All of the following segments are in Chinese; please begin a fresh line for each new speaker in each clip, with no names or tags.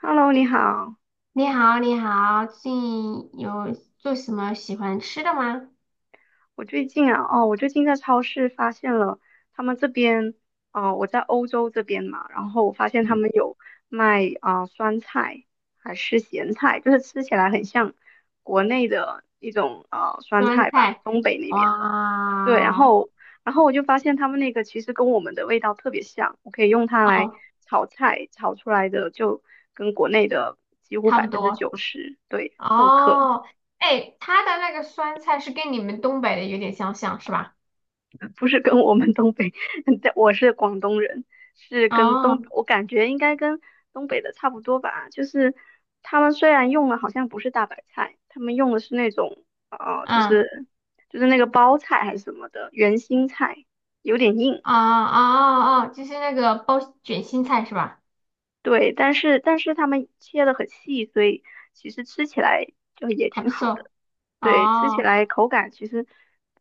Hello，你好。
你好，你好，最近有做什么喜欢吃的吗？
我最近在超市发现了他们这边，我在欧洲这边嘛，然后我发现他
嗯，
们有卖酸菜还是咸菜，就是吃起来很像国内的一种酸
酸
菜吧，
菜，
东北那边的。对，然
哇，
后我就发现他们那个其实跟我们的味道特别像，我可以用它来
哦，
炒菜，炒出来的就跟国内的几乎
差
百
不
分之
多，
九十对复刻。
哦，哎，它的那个酸菜是跟你们东北的有点相像，是吧？
不是跟我们东北，但我是广东人，是跟
哦，
东，我感觉应该跟东北的差不多吧。就是他们虽然用的好像不是大白菜，他们用的是那种呃，就
嗯，哦
是就是那个包菜还是什么的圆心菜，有点硬。
哦哦哦，就是那个包卷心菜是吧？
对，但是他们切的很细，所以其实吃起来就也
还
挺
不
好的。
错，
对，吃起
哦。
来口感其实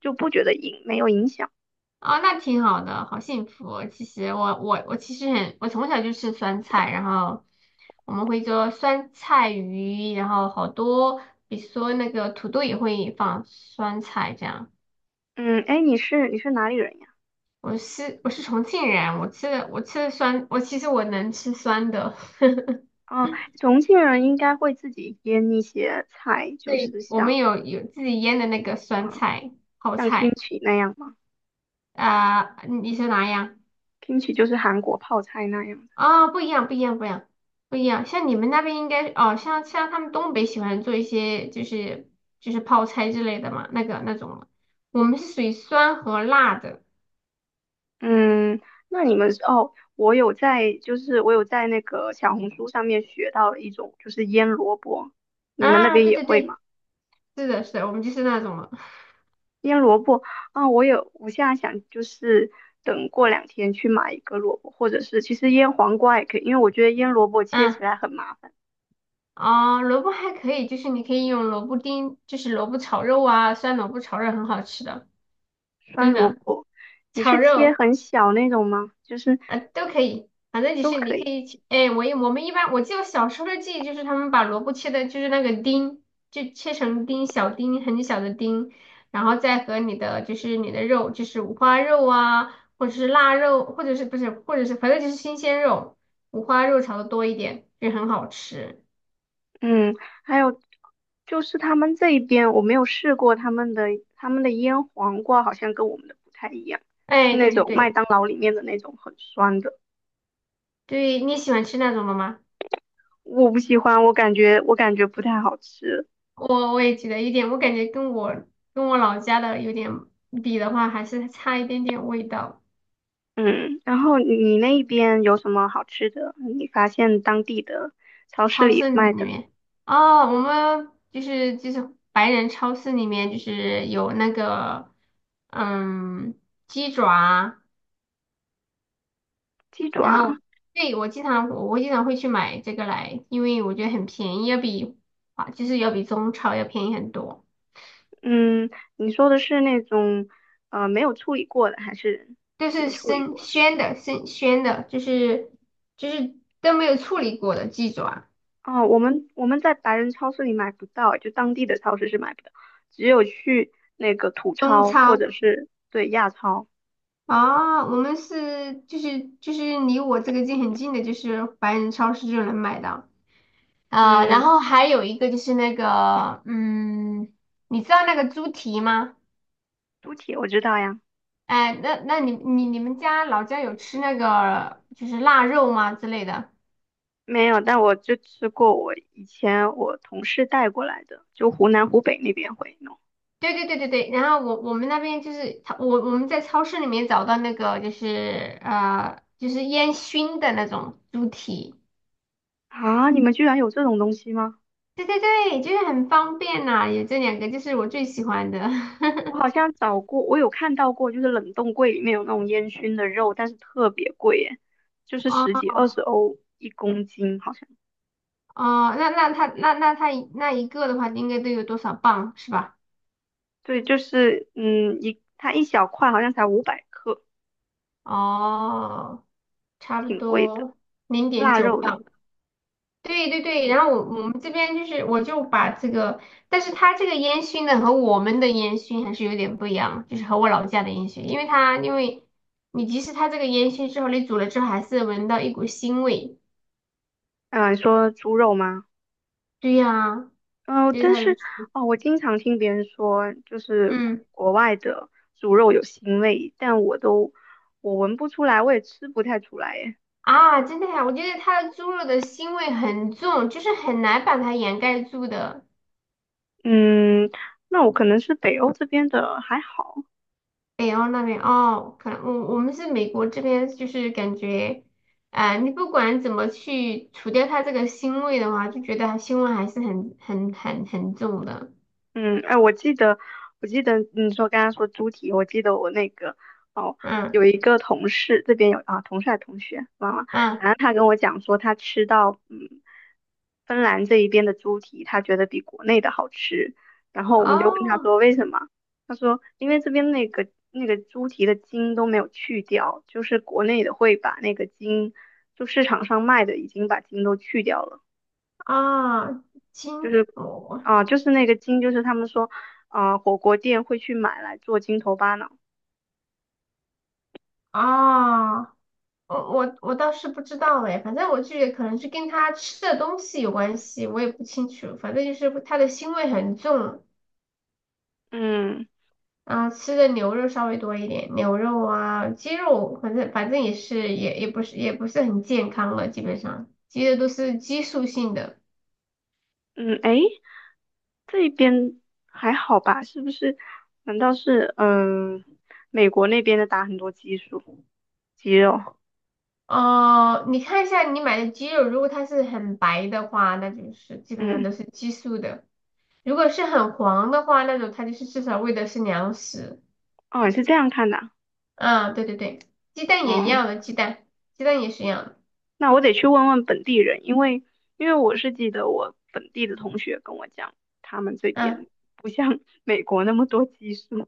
就不觉得硬，没有影响。
啊，那挺好的，好幸福哦，其实我其实很，我从小就吃酸菜，然后我们会做酸菜鱼，然后好多，比如说那个土豆也会放酸菜这样。
嗯，哎，你是哪里人呀？
我是重庆人，我吃的酸，我其实能吃酸的。
哦，重庆人应该会自己腌一些菜，就
对，
是
我们有自己腌的那个酸
嗯
菜泡
像
菜，
kimchi 那样嘛。
啊、你你说哪样？
k i m c h i 就是韩国泡菜那样的。
啊，不一样，不一样，不一样，不一样。像你们那边应该哦，像他们东北喜欢做一些，就是泡菜之类的嘛，那个那种了，我们是属于酸和辣的。
嗯，那你们是哦，我有在那个小红书上面学到了一种就是腌萝卜，你们那
啊，
边
对
也
对
会吗？
对，是的，是的，我们就是那种了。
腌萝卜啊，我有，我现在想就是等过2天去买一个萝卜，或者是其实腌黄瓜也可以，因为我觉得腌萝卜切起
嗯，
来很麻烦。
哦，萝卜还可以，就是你可以用萝卜丁，就是萝卜炒肉啊，酸萝卜炒肉很好吃的，
酸
真
萝
的，
卜，你
炒
是切
肉。
很小那种吗？就是
啊，都可以，反正就
都
是
可
你可
以。
以去，哎，我们一般，我记得我小时候的记忆就是他们把萝卜切的，就是那个丁，就切成丁，小丁，很小的丁，然后再和你的，就是你的肉，就是五花肉啊，或者是腊肉，或者是不是，或者是反正就是新鲜肉，五花肉炒的多一点，就很好吃。
嗯，还有就是他们这一边我没有试过他们的腌黄瓜，好像跟我们的不太一样，是
哎，
那
对对
种麦
对，
当劳里面的那种很酸的，
对，你喜欢吃那种的吗？
我不喜欢，我感觉不太好吃。
我也觉得有点，我感觉跟我老家的有点比的话，还是差一点点味道。
嗯，然后你那边有什么好吃的？你发现当地的超市
超
里
市里
卖的
面哦，我们就是，白人超市里面就是有那个嗯鸡爪啊，
鸡
然后
爪？
对，我经常会去买这个来，因为我觉得很便宜，啊，就是要比中超要便宜很多，
嗯，你说的是那种没有处理过的，还是
都是
有处理
生
过的？
鲜的生鲜的，就是都没有处理过的鸡爪，
哦，我们在白人超市里买不到，就当地的超市是买不到，只有去那个土
中
超或
超。
者是对亚超。
啊，我们是，就是离我这个近很近的，就是白人超市就能买到。啊、然
嗯，
后还有一个就是那个，嗯，你知道那个猪蹄吗？
猪蹄我知道呀。
哎，那那你你们家老家有吃那个就是腊肉吗之类的？
没有，但我就吃过我以前我同事带过来的，就湖南湖北那边会弄。
对对对对对。然后我们那边，就是超我我们在超市里面找到那个就是就是烟熏的那种猪蹄，
啊，你们居然有这种东西吗？
对对对，就是很方便呐、有这两个就是我最喜欢的。
我 好像找过，我有看到过，就是冷冻柜里面有那种烟熏的肉，但是特别贵耶，就是十
哦
几二十欧一公斤，好像。
哦，那他那一个的话应该都有多少磅是吧？
对，就是它一小块好像才500克，
哦，差不
挺贵的。
多零点
腊
九
肉的。
磅。对对对，然后我们这边就是，我就把这个，但是它这个烟熏呢和我们的烟熏还是有点不一样，就是和我老家的烟熏，因为你即使它这个烟熏之后，你煮了之后还是闻到一股腥味。
嗯、你说猪肉吗？
对呀、
嗯、
就是
但
它的，
是哦，我经常听别人说，就是
嗯
国外的猪肉有腥味，但我都我闻不出来，我也吃不太出来耶。
啊，真的呀、我觉得它的猪肉的腥味很重，就是很难把它掩盖住的。
嗯，那我可能是北欧这边的还好。
北欧那边哦，可能我们是美国这边，就是感觉，呃，你不管怎么去除掉它这个腥味的话，就觉得它腥味还是很很重的。
嗯，哎，我记得你说刚刚说猪蹄。我记得我那个哦，
嗯
有一个同事这边有啊，同事还是同学忘了，
嗯，
反正他跟我讲说他吃到芬兰这一边的猪蹄，他觉得比国内的好吃，然后我们就问他
哦
说为什么，他说因为这边那个猪蹄的筋都没有去掉，就是国内的会把那个筋，就市场上卖的已经把筋都去掉了。
啊，金箔
啊，就是那个筋，就是他们说，啊，火锅店会去买来做筋头巴脑。
啊，我倒是不知道哎，反正我就觉得可能是跟它吃的东西有关系，我也不清楚，反正就是它的腥味很重。
嗯
啊，吃的牛肉稍微多一点，牛肉啊，鸡肉，反正也是，也不是很健康了，基本上鸡的都是激素性的。
嗯，诶，这边还好吧？是不是？难道是美国那边的打很多激素肌肉？
哦、你看一下你买的鸡肉，如果它是很白的话，那就是基本上
嗯，
都是激素的；如果是很黄的话，那种它就是至少喂的是粮食。
哦，你是这样看的啊。
啊，对对对，鸡蛋也一
哦，
样的，鸡蛋也是一样的。
那我得去问问本地人，因为我是记得我本地的同学跟我讲，他们这
嗯，
边不像 美国那么多激素。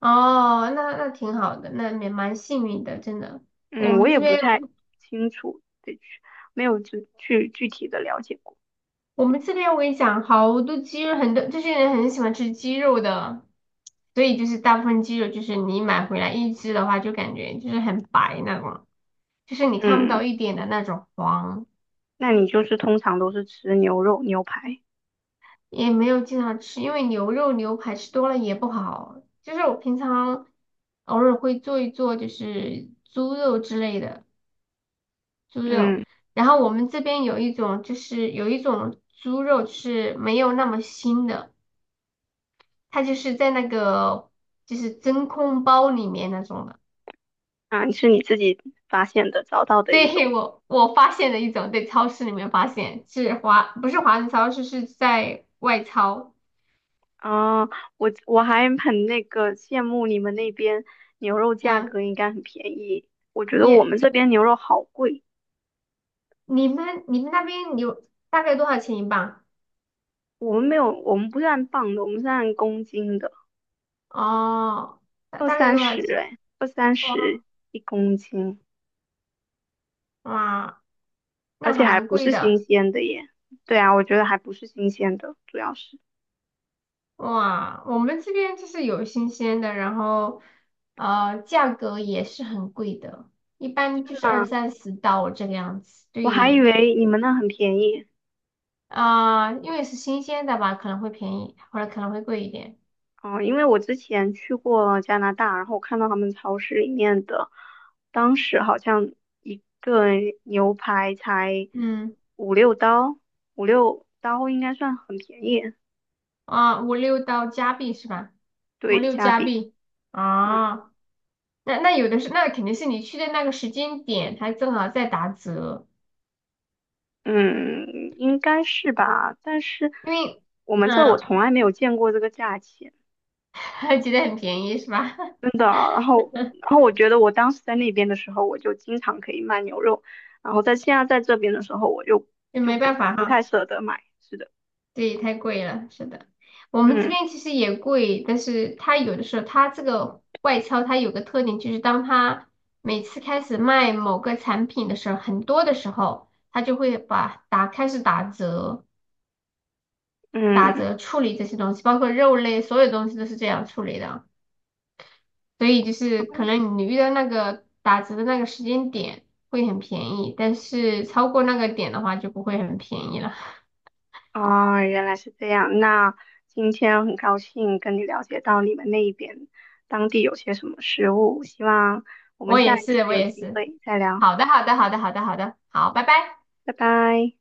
哦，那那挺好的，那也蛮幸运的，真的。我
嗯，我
们这
也不
边。
太清楚，得去，没有具体的了解过。
我们这边我跟你讲，好多鸡肉，很多这些人很喜欢吃鸡肉的，所以就是大部分鸡肉就是你买回来一只的话，就感觉就是很白那种，就是你看不到
嗯，
一点的那种黄，
那你就是通常都是吃牛肉、牛排。
也没有经常吃，因为牛肉牛排吃多了也不好。就是我平常偶尔会做一做，就是猪肉之类的猪肉，
嗯，
然后我们这边有一种，猪肉是没有那么腥的。它就是在那个就是真空包里面那种的。
啊，是你自己发现的、找到的一种。
对，我我发现了一种，在超市里面发现，不是华人超市，是在外超。
啊，我还很那个羡慕你们那边牛肉价
嗯，
格应该很便宜，我觉得我
你
们这边牛肉好贵，
你们那边有大概多少钱一磅？
我们没有，我们不是按磅的，我们是按公斤的，
哦，大大概多少钱？
二三
哇
十一公斤。
哇，
而
那
且
还
还
蛮
不
贵
是新
的
鲜的耶。对啊，我觉得还不是新鲜的，主要是。
哇。我们这边就是有新鲜的，然后呃价格也是很贵的，一般就是二
啊，
三十刀这个样子。
我还以
对。
为你们那很便宜。
啊、因为是新鲜的吧，可能会便宜，或者可能会贵一点。
哦，因为我之前去过加拿大，然后我看到他们超市里面的，当时好像一个牛排才
嗯，
五六刀，五六刀应该算很便宜。
啊、五六到加币是吧？五
对，
六
加
加
币。
币
嗯
啊，那那有的是，那肯定是你去的那个时间点，它正好在打折，
嗯，应该是吧，但是
因为
我们这儿我从
嗯，
来没有见过这个价钱。
还觉得很便宜是吧？
真的，然后，我觉得我当时在那边的时候，我就经常可以卖牛肉，然后在现在在这边的时候，我就
也
就
没
不
办法
不太
哈。
舍得买。是的。
对，太贵了，是的，我们这
嗯
边其实也贵，但是它有的时候它这个外销它有个特点，就是当它每次开始卖某个产品的时候，很多的时候，它就会把打开始打折，打
嗯，
折处理这些东西，包括肉类，所有东西都是这样处理的，所以就是可能你遇到那个打折的那个时间点会很便宜，但是超过那个点的话就不会很便宜了。
啊、原来是这样。那今天很高兴跟你了解到你们那一边当地有些什么食物，希望 我们
我
下
也
一
是，
次
我
有
也
机
是。
会再聊，
好的，好的，好的，好的，好的，好，拜拜。
拜拜。